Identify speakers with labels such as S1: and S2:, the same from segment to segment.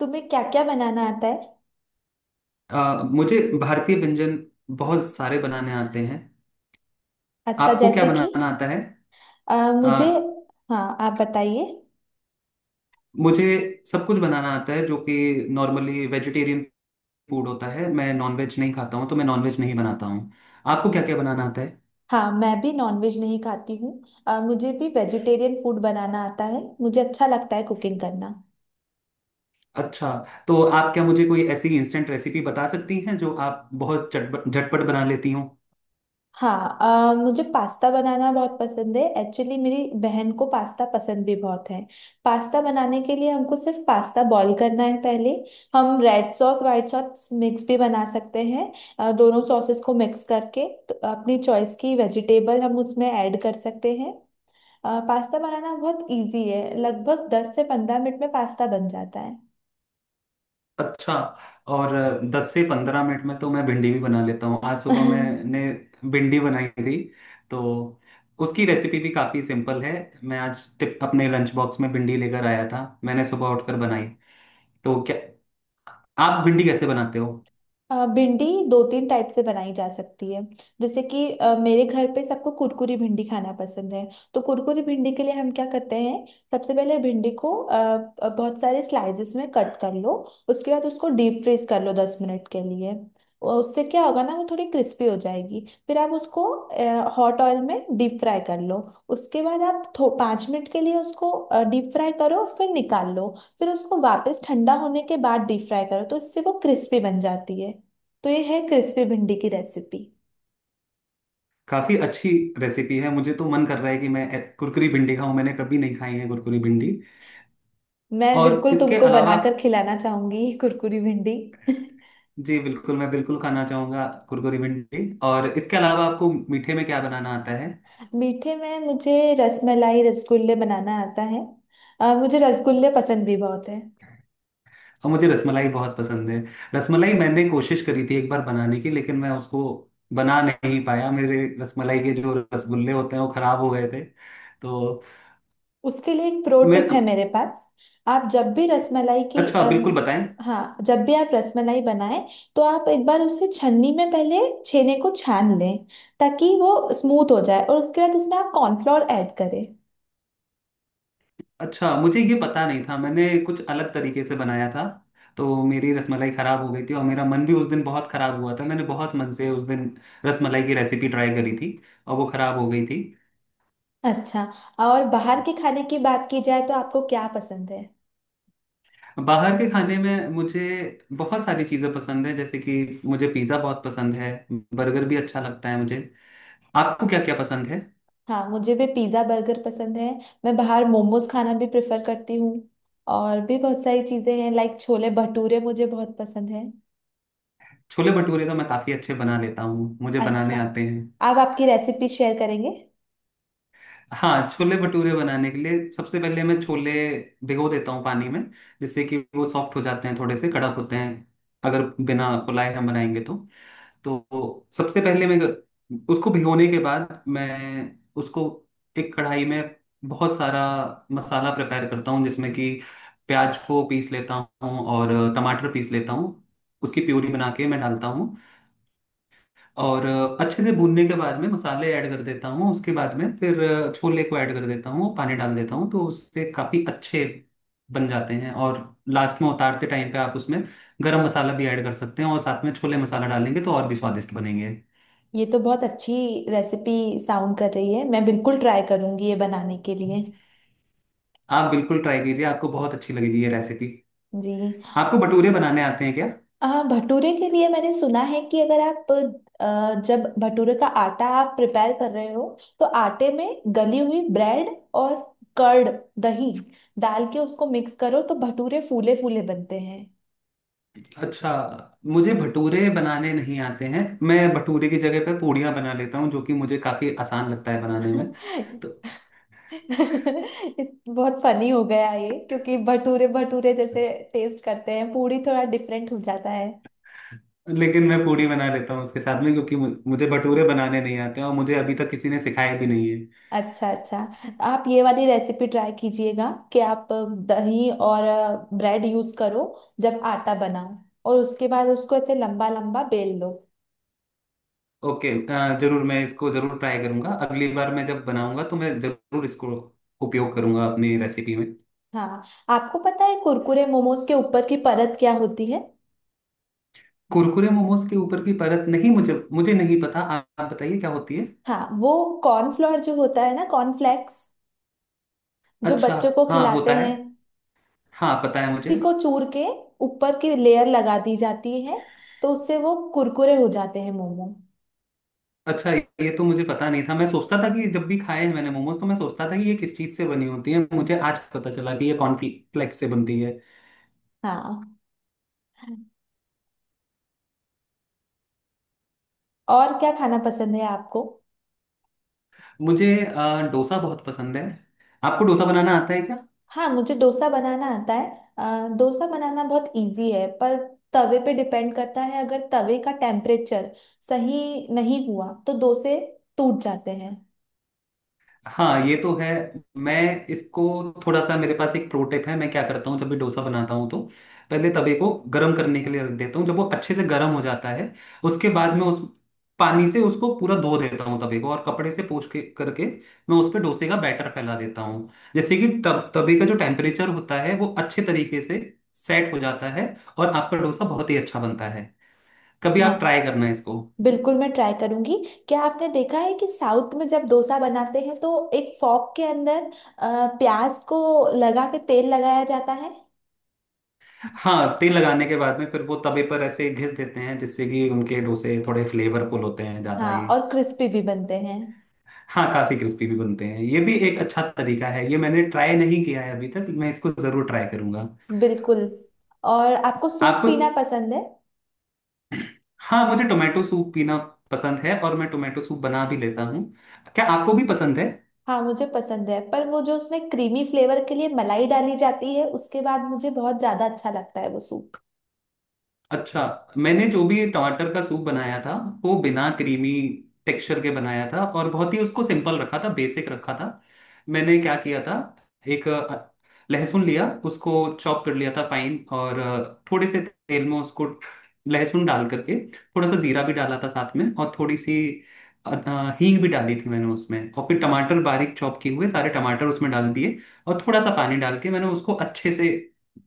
S1: तुम्हें क्या क्या बनाना आता है।
S2: मुझे भारतीय व्यंजन बहुत सारे बनाने आते हैं।
S1: अच्छा
S2: आपको क्या
S1: जैसे कि।
S2: बनाना आता है?
S1: अ,
S2: अ,
S1: मुझे। हाँ आप बताइए।
S2: मुझे सब कुछ बनाना आता है जो कि नॉर्मली वेजिटेरियन फूड होता है। मैं नॉनवेज नहीं खाता हूँ तो मैं नॉनवेज नहीं बनाता हूँ। आपको क्या क्या बनाना आता है?
S1: हाँ मैं भी नॉनवेज नहीं खाती हूँ। मुझे भी वेजिटेरियन फूड बनाना आता है। मुझे अच्छा लगता है कुकिंग करना।
S2: अच्छा, तो आप क्या मुझे कोई ऐसी इंस्टेंट रेसिपी बता सकती हैं जो आप बहुत चटपट झटपट बना लेती हो?
S1: हाँ मुझे पास्ता बनाना बहुत पसंद है। एक्चुअली मेरी बहन को पास्ता पसंद भी बहुत है। पास्ता बनाने के लिए हमको सिर्फ पास्ता बॉईल करना है पहले। हम red sauce white sauce mix भी बना सकते हैं। दोनों सॉसेस को मिक्स करके तो अपनी चॉइस की वेजिटेबल हम उसमें ऐड कर सकते हैं। पास्ता बनाना बहुत इजी है। लगभग 10 से 15 मिनट में पास्ता बन जाता
S2: अच्छा। और 10 से 15 मिनट में तो मैं भिंडी भी बना लेता हूँ। आज
S1: है।
S2: सुबह मैंने भिंडी बनाई थी। तो उसकी रेसिपी भी काफ़ी सिंपल है। मैं आज अपने लंच बॉक्स में भिंडी लेकर आया था, मैंने सुबह उठकर बनाई। तो क्या आप भिंडी कैसे बनाते हो?
S1: भिंडी दो तीन टाइप से बनाई जा सकती है। जैसे कि मेरे घर पे सबको कुरकुरी भिंडी खाना पसंद है। तो कुरकुरी भिंडी के लिए हम क्या करते हैं। सबसे पहले भिंडी को बहुत सारे स्लाइसेस में कट कर लो। उसके बाद उसको डीप फ्रीज कर लो 10 मिनट के लिए। उससे क्या होगा ना वो थोड़ी क्रिस्पी हो जाएगी फिर आप उसको हॉट ऑयल में डीप फ्राई कर लो। उसके बाद आप थो 5 मिनट के लिए उसको डीप फ्राई करो फिर निकाल लो। फिर उसको वापस ठंडा होने के बाद डीप फ्राई करो तो इससे वो क्रिस्पी बन जाती है। तो ये है क्रिस्पी भिंडी की रेसिपी।
S2: काफ़ी अच्छी रेसिपी है, मुझे तो मन कर रहा है कि मैं कुरकुरी भिंडी खाऊं। मैंने कभी नहीं खाई है कुरकुरी भिंडी।
S1: मैं
S2: और
S1: बिल्कुल
S2: इसके
S1: तुमको
S2: अलावा?
S1: बनाकर खिलाना चाहूंगी ये कुरकुरी भिंडी।
S2: जी बिल्कुल, मैं बिल्कुल खाना चाहूंगा कुरकुरी भिंडी। और इसके अलावा आपको मीठे में क्या बनाना आता है?
S1: मीठे में मुझे रसमलाई रसगुल्ले बनाना आता है। मुझे रसगुल्ले पसंद भी बहुत है।
S2: और मुझे रसमलाई बहुत पसंद है। रसमलाई मैंने कोशिश करी थी एक बार बनाने की, लेकिन मैं उसको बना नहीं पाया। मेरे रसमलाई के जो रसगुल्ले होते हैं वो खराब हो गए थे। तो
S1: उसके लिए एक प्रो
S2: मैं,
S1: टिप है मेरे पास। आप जब भी रसमलाई की
S2: अच्छा, बिल्कुल बताएं।
S1: हाँ, जब भी आप रसमलाई बनाएं तो आप एक बार उसे छन्नी में पहले छेने को छान लें ताकि वो स्मूथ हो जाए और उसके बाद उसमें आप कॉर्नफ्लोर ऐड करें।
S2: अच्छा, मुझे ये पता नहीं था, मैंने कुछ अलग तरीके से बनाया था। तो मेरी रसमलाई खराब हो गई थी और मेरा मन भी उस दिन बहुत खराब हुआ था। मैंने बहुत मन से उस दिन रसमलाई की रेसिपी ट्राई करी थी और वो खराब हो गई थी।
S1: अच्छा। और बाहर के खाने की बात की जाए तो आपको क्या पसंद है।
S2: बाहर के खाने में मुझे बहुत सारी चीज़ें पसंद है, जैसे कि मुझे पिज़्ज़ा बहुत पसंद है, बर्गर भी अच्छा लगता है मुझे। आपको क्या क्या पसंद है?
S1: हाँ मुझे भी पिज़्ज़ा बर्गर पसंद है। मैं बाहर मोमोज खाना भी प्रेफर करती हूँ। और भी बहुत सारी चीज़ें हैं लाइक छोले भटूरे मुझे बहुत पसंद है।
S2: छोले भटूरे तो मैं काफ़ी अच्छे बना लेता हूँ, मुझे बनाने
S1: अच्छा।
S2: आते हैं।
S1: आप आपकी रेसिपी शेयर करेंगे।
S2: हाँ, छोले भटूरे बनाने के लिए सबसे पहले मैं छोले भिगो देता हूँ पानी में, जिससे कि वो सॉफ्ट हो जाते हैं। थोड़े से कड़क होते हैं अगर बिना फुलाए हम बनाएंगे तो। तो सबसे पहले मैं उसको भिगोने के बाद मैं उसको एक कढ़ाई में बहुत सारा मसाला प्रिपेयर करता हूँ, जिसमें कि प्याज को पीस लेता हूँ और टमाटर पीस लेता हूँ, उसकी प्यूरी बना के मैं डालता हूँ। और अच्छे से भूनने के बाद में मसाले ऐड कर देता हूँ, उसके बाद में फिर छोले को ऐड कर देता हूँ, पानी डाल देता हूँ, तो उससे काफ़ी अच्छे बन जाते हैं। और लास्ट में उतारते टाइम पे आप उसमें गरम मसाला भी ऐड कर सकते हैं, और साथ में छोले मसाला डालेंगे तो और भी स्वादिष्ट बनेंगे।
S1: ये तो बहुत अच्छी रेसिपी साउंड कर रही है मैं बिल्कुल ट्राई करूंगी ये बनाने के लिए।
S2: आप बिल्कुल ट्राई कीजिए, आपको बहुत अच्छी लगेगी ये रेसिपी।
S1: जी।
S2: आपको भटूरे बनाने आते हैं क्या?
S1: भटूरे के लिए मैंने सुना है कि अगर आप जब भटूरे का आटा आप प्रिपेयर कर रहे हो तो आटे में गली हुई ब्रेड और कर्ड दही डाल के उसको मिक्स करो तो भटूरे फूले फूले बनते हैं।
S2: अच्छा, मुझे भटूरे बनाने नहीं आते हैं। मैं भटूरे की जगह पे पूड़ियाँ बना लेता हूँ जो कि मुझे काफ़ी आसान लगता है बनाने में। तो
S1: बहुत फनी हो गया ये क्योंकि भटूरे भटूरे जैसे टेस्ट करते हैं पूरी थोड़ा डिफरेंट हो जाता है।
S2: लेकिन मैं पूड़ी बना लेता हूँ उसके साथ में, क्योंकि मुझे भटूरे बनाने नहीं आते हैं और मुझे अभी तक किसी ने सिखाया भी नहीं है।
S1: अच्छा अच्छा। आप ये वाली रेसिपी ट्राई कीजिएगा कि आप दही और ब्रेड यूज करो जब आटा बनाओ और उसके बाद उसको ऐसे लंबा लंबा बेल लो।
S2: ओके, जरूर मैं इसको जरूर ट्राई करूंगा। अगली बार मैं जब बनाऊंगा तो मैं जरूर इसको उपयोग करूंगा अपनी रेसिपी में।
S1: हाँ। आपको पता है कुरकुरे मोमोज के ऊपर की परत क्या होती है।
S2: कुरकुरे मोमोज के ऊपर की परत नहीं, मुझे मुझे नहीं पता, आप बताइए क्या होती है।
S1: हाँ वो कॉर्नफ्लोर जो होता है ना कॉर्नफ्लेक्स जो
S2: अच्छा।
S1: बच्चों को
S2: हाँ,
S1: खिलाते
S2: होता
S1: हैं
S2: है। हाँ, पता है मुझे।
S1: उसी को चूर के ऊपर की लेयर लगा दी जाती है। तो उससे वो कुरकुरे हो जाते हैं मोमो।
S2: अच्छा, ये तो मुझे पता नहीं था। मैं सोचता था कि जब भी खाए हैं मैंने मोमोज तो मैं सोचता था कि ये किस चीज़ से बनी होती है। मुझे आज पता चला कि ये कॉर्नफ्लेक्स से बनती है।
S1: हाँ। और क्या खाना पसंद है आपको।
S2: मुझे डोसा बहुत पसंद है। आपको डोसा बनाना आता है?
S1: हाँ मुझे डोसा बनाना आता है। डोसा बनाना बहुत इजी है पर तवे पे डिपेंड करता है अगर तवे का टेम्परेचर सही नहीं हुआ तो डोसे टूट जाते हैं।
S2: हाँ, ये तो है। मैं इसको थोड़ा सा, मेरे पास एक प्रो टिप है। मैं क्या करता हूँ, जब भी डोसा बनाता हूँ तो पहले तवे को गर्म करने के लिए रख देता हूँ। जब वो अच्छे से गर्म हो जाता है, उसके बाद मैं उस पानी से उसको पूरा धो देता हूँ, तवे को, और कपड़े से पोंछ के करके मैं उस पर डोसे का बैटर फैला देता हूँ। जैसे कि तब तवे का जो टेम्परेचर होता है वो अच्छे तरीके से सेट हो जाता है, और आपका डोसा बहुत ही अच्छा बनता है। कभी
S1: हाँ
S2: आप ट्राई करना इसको।
S1: बिल्कुल मैं ट्राई करूंगी। क्या आपने देखा है कि साउथ में जब डोसा बनाते हैं तो एक फॉक के अंदर प्याज को लगा के तेल लगाया जाता है।
S2: हाँ, तेल लगाने के बाद में फिर वो तवे पर ऐसे घिस देते हैं, जिससे कि उनके डोसे थोड़े फ्लेवरफुल होते हैं ज्यादा
S1: हाँ
S2: ही।
S1: और क्रिस्पी भी बनते हैं।
S2: हाँ, काफी क्रिस्पी भी बनते हैं। ये भी एक अच्छा तरीका है, ये मैंने ट्राई नहीं किया है अभी तक, मैं इसको जरूर ट्राई करूंगा।
S1: बिल्कुल। और आपको सूप
S2: आपको?
S1: पीना पसंद है।
S2: हाँ, मुझे टोमेटो सूप पीना पसंद है, और मैं टोमेटो सूप बना भी लेता हूँ। क्या आपको भी पसंद है?
S1: हाँ मुझे पसंद है पर वो जो उसमें क्रीमी फ्लेवर के लिए मलाई डाली जाती है उसके बाद मुझे बहुत ज्यादा अच्छा लगता है वो सूप।
S2: अच्छा, मैंने जो भी टमाटर का सूप बनाया था वो बिना क्रीमी टेक्सचर के बनाया था, और बहुत ही उसको सिंपल रखा था, बेसिक रखा था। मैंने क्या किया था, एक लहसुन लिया, उसको चॉप कर लिया था फाइन, और थोड़े से तेल में उसको लहसुन डाल करके, थोड़ा सा जीरा भी डाला था साथ में, और थोड़ी सी हींग भी डाली थी मैंने उसमें। और फिर टमाटर बारीक चॉप किए हुए सारे टमाटर उसमें डाल दिए और थोड़ा सा पानी डाल के मैंने उसको अच्छे से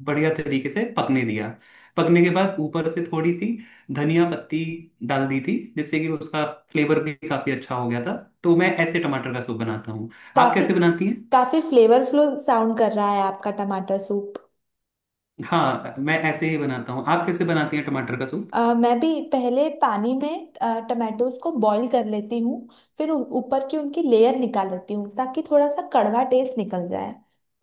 S2: बढ़िया तरीके से पकने दिया। पकने के बाद ऊपर से थोड़ी सी धनिया पत्ती डाल दी थी, जिससे कि उसका फ्लेवर भी काफी अच्छा हो गया था। तो मैं ऐसे टमाटर का सूप बनाता हूँ। आप
S1: काफी
S2: कैसे बनाती हैं?
S1: काफी फ्लेवरफुल साउंड कर रहा है आपका टमाटर सूप।
S2: हाँ, मैं ऐसे ही बनाता हूँ। आप कैसे बनाती हैं टमाटर का सूप?
S1: मैं भी पहले पानी में टमाटोज को बॉईल कर लेती हूँ। फिर ऊपर की उनकी लेयर निकाल लेती हूँ ताकि थोड़ा सा कड़वा टेस्ट निकल जाए।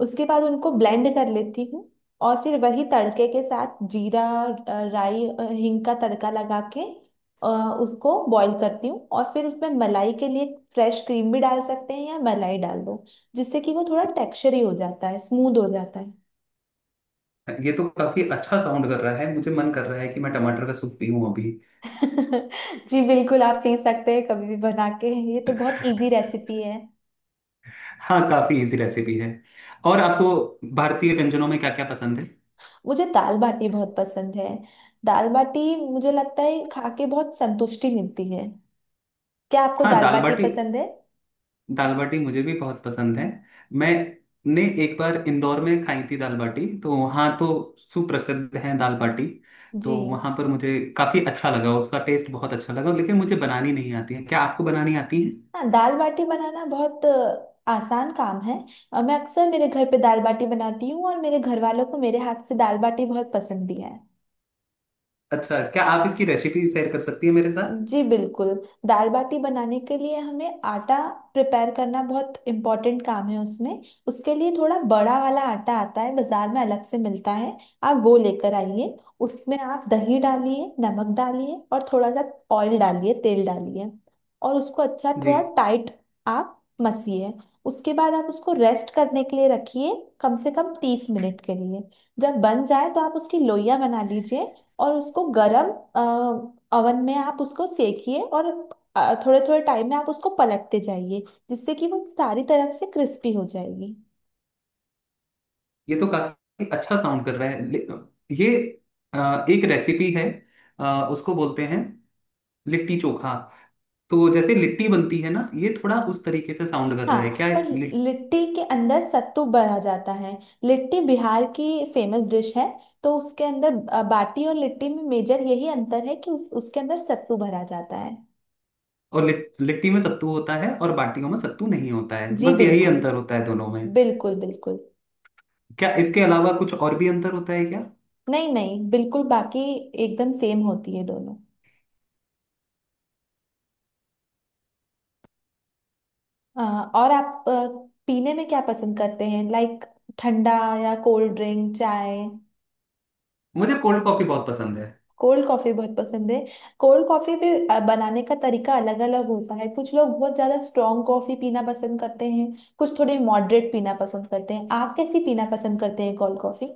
S1: उसके बाद उनको ब्लेंड कर लेती हूँ। और फिर वही तड़के के साथ जीरा राई हींग का तड़का लगा के अ, उसको बॉईल करती हूँ और फिर उसमें मलाई के लिए फ्रेश क्रीम भी डाल सकते हैं या मलाई डाल दो जिससे कि वो थोड़ा टेक्सचर ही हो जाता है स्मूथ हो जाता है।
S2: ये तो काफी अच्छा साउंड कर रहा है, मुझे मन कर रहा है कि मैं टमाटर का सूप पीऊं अभी।
S1: जी बिल्कुल आप पी सकते हैं कभी भी बना के। ये तो बहुत इजी रेसिपी है।
S2: हाँ, काफी इजी रेसिपी है। और आपको भारतीय व्यंजनों में क्या क्या पसंद है?
S1: मुझे दाल बाटी बहुत पसंद है। दाल बाटी मुझे लगता है खा के बहुत संतुष्टि मिलती है। क्या आपको
S2: हाँ,
S1: दाल
S2: दाल
S1: बाटी
S2: बाटी।
S1: पसंद है।
S2: दाल बाटी मुझे भी बहुत पसंद है। मैंने एक बार इंदौर में खाई थी दाल बाटी, तो वहाँ तो सुप्रसिद्ध है दाल बाटी।
S1: जी।
S2: तो वहाँ पर मुझे काफ़ी अच्छा लगा, उसका टेस्ट बहुत अच्छा लगा, लेकिन मुझे बनानी नहीं आती है। क्या आपको बनानी आती है?
S1: हाँ दाल बाटी बनाना बहुत आसान काम है। मैं अक्सर मेरे घर पे दाल बाटी बनाती हूँ और मेरे घर वालों को मेरे हाथ से दाल बाटी बहुत पसंद भी है।
S2: अच्छा, क्या आप इसकी रेसिपी शेयर कर सकती है मेरे साथ?
S1: जी बिल्कुल। दाल बाटी बनाने के लिए हमें आटा प्रिपेयर करना बहुत इम्पोर्टेंट काम है उसमें। उसके लिए थोड़ा बड़ा वाला आटा आता है बाजार में अलग से मिलता है। आप वो लेकर आइए। उसमें आप दही डालिए नमक डालिए और थोड़ा सा ऑयल डालिए तेल डालिए। और उसको अच्छा
S2: जी।
S1: थोड़ा टाइट आप मसिए। उसके बाद आप उसको रेस्ट करने के लिए रखिए कम से कम 30 मिनट के लिए। जब बन जाए तो आप उसकी लोइयां बना लीजिए और उसको गरम ओवन में आप उसको सेकिए। और थोड़े थोड़े टाइम में आप उसको पलटते जाइए जिससे कि वो सारी तरफ से क्रिस्पी हो जाएगी।
S2: ये तो काफ़ी अच्छा साउंड कर रहा है। ये एक रेसिपी है, उसको बोलते हैं लिट्टी चोखा। तो जैसे लिट्टी बनती है ना, ये थोड़ा उस तरीके से साउंड कर रहा है क्या?
S1: हाँ पर लिट्टी के अंदर सत्तू भरा जाता है। लिट्टी बिहार की फेमस डिश है। तो उसके अंदर बाटी और लिट्टी में मेजर यही अंतर है कि उसके अंदर सत्तू भरा जाता है।
S2: और लिट्टी में सत्तू होता है और बाटियों में सत्तू नहीं होता है,
S1: जी
S2: बस यही
S1: बिल्कुल
S2: अंतर होता है दोनों में।
S1: बिल्कुल बिल्कुल।
S2: क्या इसके अलावा कुछ और भी अंतर होता है क्या?
S1: नहीं नहीं बिल्कुल बाकी एकदम सेम होती है दोनों। हाँ और आप पीने में क्या पसंद करते हैं लाइक ठंडा या कोल्ड ड्रिंक चाय।
S2: मुझे कोल्ड कॉफी बहुत पसंद है।
S1: कोल्ड कॉफी बहुत पसंद है। कोल्ड कॉफी भी बनाने का तरीका अलग अलग होता है कुछ लोग बहुत ज्यादा स्ट्रॉन्ग कॉफी पीना पसंद करते हैं। कुछ थोड़े मॉडरेट पीना पसंद करते हैं आप कैसी पीना पसंद करते हैं कोल्ड कॉफी।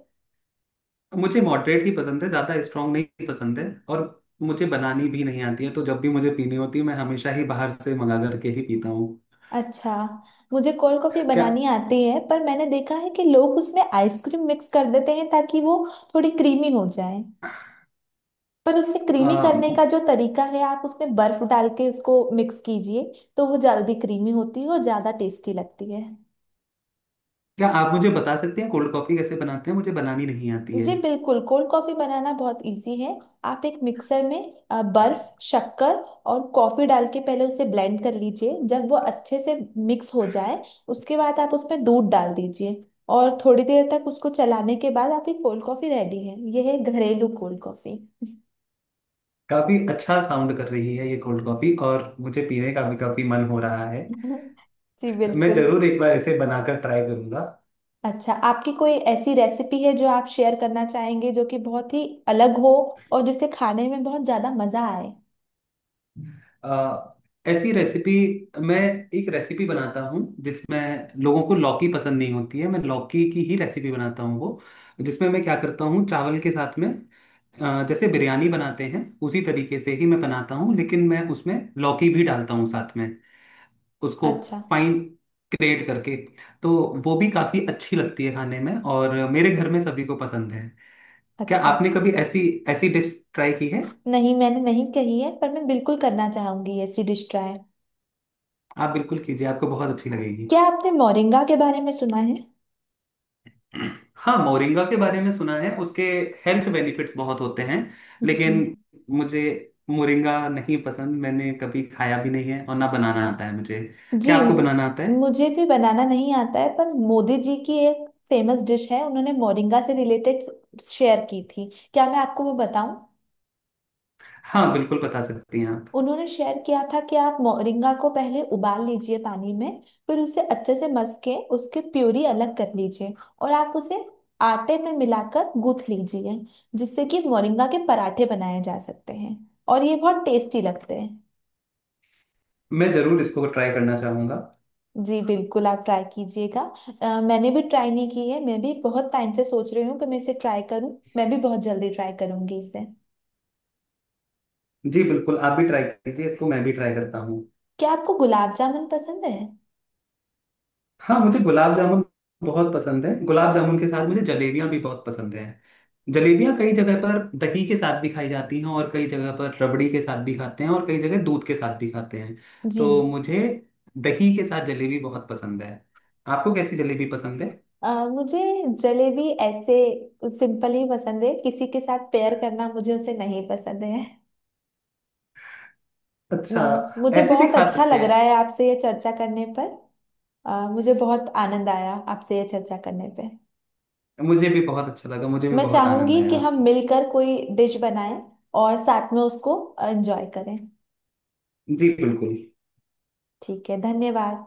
S2: मुझे मॉडरेट ही पसंद है, ज्यादा स्ट्रांग नहीं पसंद है, और मुझे बनानी भी नहीं आती है, तो जब भी मुझे पीनी होती है मैं हमेशा ही बाहर से मंगा करके ही पीता हूँ।
S1: अच्छा। मुझे कोल्ड कॉफी
S2: क्या
S1: बनानी आती है पर मैंने देखा है कि लोग उसमें आइसक्रीम मिक्स कर देते हैं ताकि वो थोड़ी क्रीमी हो जाए। पर उसे क्रीमी
S2: आ,
S1: करने का जो तरीका है आप उसमें बर्फ डाल के उसको मिक्स कीजिए तो वो जल्दी क्रीमी होती है और ज्यादा टेस्टी लगती है।
S2: क्या आप मुझे बता सकते हैं कोल्ड कॉफी कैसे बनाते हैं, मुझे बनानी नहीं आती है?
S1: जी बिल्कुल। कोल्ड कॉफी बनाना बहुत इजी है। आप एक मिक्सर में बर्फ शक्कर और कॉफी डाल के पहले उसे ब्लेंड कर लीजिए जब वो अच्छे से मिक्स हो जाए। उसके बाद आप उसमें दूध डाल दीजिए। और थोड़ी देर तक उसको चलाने के बाद आपकी कोल्ड कॉफी रेडी है यह है घरेलू कोल्ड कॉफी।
S2: काफी अच्छा साउंड कर रही है ये कोल्ड कॉफी, और मुझे पीने का भी काफी मन हो रहा है।
S1: जी
S2: मैं
S1: बिल्कुल।
S2: जरूर एक बार ऐसे बनाकर ट्राई करूंगा।
S1: अच्छा आपकी कोई ऐसी रेसिपी है जो आप शेयर करना चाहेंगे जो कि बहुत ही अलग हो और जिसे खाने में बहुत ज्यादा मजा आए।
S2: अ, ऐसी रेसिपी, मैं एक रेसिपी बनाता हूँ जिसमें लोगों को लौकी पसंद नहीं होती है, मैं लौकी की ही रेसिपी बनाता हूँ वो, जिसमें मैं क्या करता हूँ, चावल के साथ में जैसे बिरयानी बनाते हैं उसी तरीके से ही मैं बनाता हूँ, लेकिन मैं उसमें लौकी भी डालता हूँ साथ में, उसको
S1: अच्छा
S2: फाइन ग्रेट करके। तो वो भी काफी अच्छी लगती है खाने में, और मेरे घर में सभी को पसंद है। क्या
S1: अच्छा।
S2: आपने
S1: अच्छा।
S2: कभी ऐसी ऐसी डिश ट्राई की है?
S1: नहीं मैंने नहीं कही है पर मैं बिल्कुल करना चाहूंगी ऐसी डिश ट्राई।
S2: आप बिल्कुल कीजिए, आपको बहुत अच्छी लगेगी।
S1: क्या आपने मोरिंगा के बारे में सुना है।
S2: हाँ, मोरिंगा के बारे में सुना है, उसके हेल्थ बेनिफिट्स बहुत होते हैं। लेकिन
S1: जी।
S2: मुझे मोरिंगा नहीं पसंद, मैंने कभी खाया भी नहीं है और ना बनाना आता है मुझे।
S1: जी।
S2: क्या आपको बनाना आता है?
S1: मुझे भी बनाना नहीं आता है पर मोदी जी की एक फेमस डिश है उन्होंने मोरिंगा से रिलेटेड शेयर की थी क्या मैं आपको वो बताऊं।
S2: हाँ, बिल्कुल बता सकती हैं आप।
S1: उन्होंने शेयर किया था कि आप मोरिंगा को पहले उबाल लीजिए पानी में फिर उसे अच्छे से मस के उसके प्यूरी अलग कर लीजिए और आप उसे आटे में मिलाकर गूंथ लीजिए जिससे कि मोरिंगा के पराठे बनाए जा सकते हैं और ये बहुत टेस्टी लगते हैं।
S2: मैं जरूर इसको ट्राई करना चाहूंगा।
S1: जी बिल्कुल आप ट्राई कीजिएगा। मैंने भी ट्राई नहीं की है मैं भी बहुत टाइम से सोच रही हूँ कि मैं इसे ट्राई करूँ मैं भी बहुत जल्दी ट्राई करूंगी इसे।
S2: जी बिल्कुल, आप भी ट्राई कीजिए इसको, मैं भी ट्राई करता हूँ।
S1: क्या आपको गुलाब जामुन पसंद है।
S2: हाँ, मुझे गुलाब जामुन बहुत पसंद है। गुलाब जामुन के साथ मुझे जलेबियाँ भी बहुत पसंद हैं। जलेबियाँ कई जगह पर दही के साथ भी खाई जाती हैं, और कई जगह पर रबड़ी के साथ भी खाते हैं, और कई जगह दूध के साथ भी खाते हैं।
S1: जी
S2: तो मुझे दही के साथ जलेबी बहुत पसंद है। आपको कैसी जलेबी पसंद है?
S1: मुझे जलेबी ऐसे सिंपल ही पसंद है किसी के साथ पेयर करना मुझे उसे नहीं पसंद है।
S2: अच्छा,
S1: मुझे
S2: ऐसे भी
S1: बहुत
S2: खा
S1: अच्छा
S2: सकते
S1: लग
S2: हैं।
S1: रहा है आपसे ये चर्चा करने पर। मुझे बहुत आनंद आया आपसे ये चर्चा करने पे।
S2: मुझे भी बहुत अच्छा लगा, मुझे भी
S1: मैं
S2: बहुत
S1: चाहूंगी
S2: आनंद आया
S1: कि हम
S2: आपसे।
S1: मिलकर कोई डिश बनाएं और साथ में उसको एंजॉय करें।
S2: जी बिल्कुल।
S1: ठीक है धन्यवाद।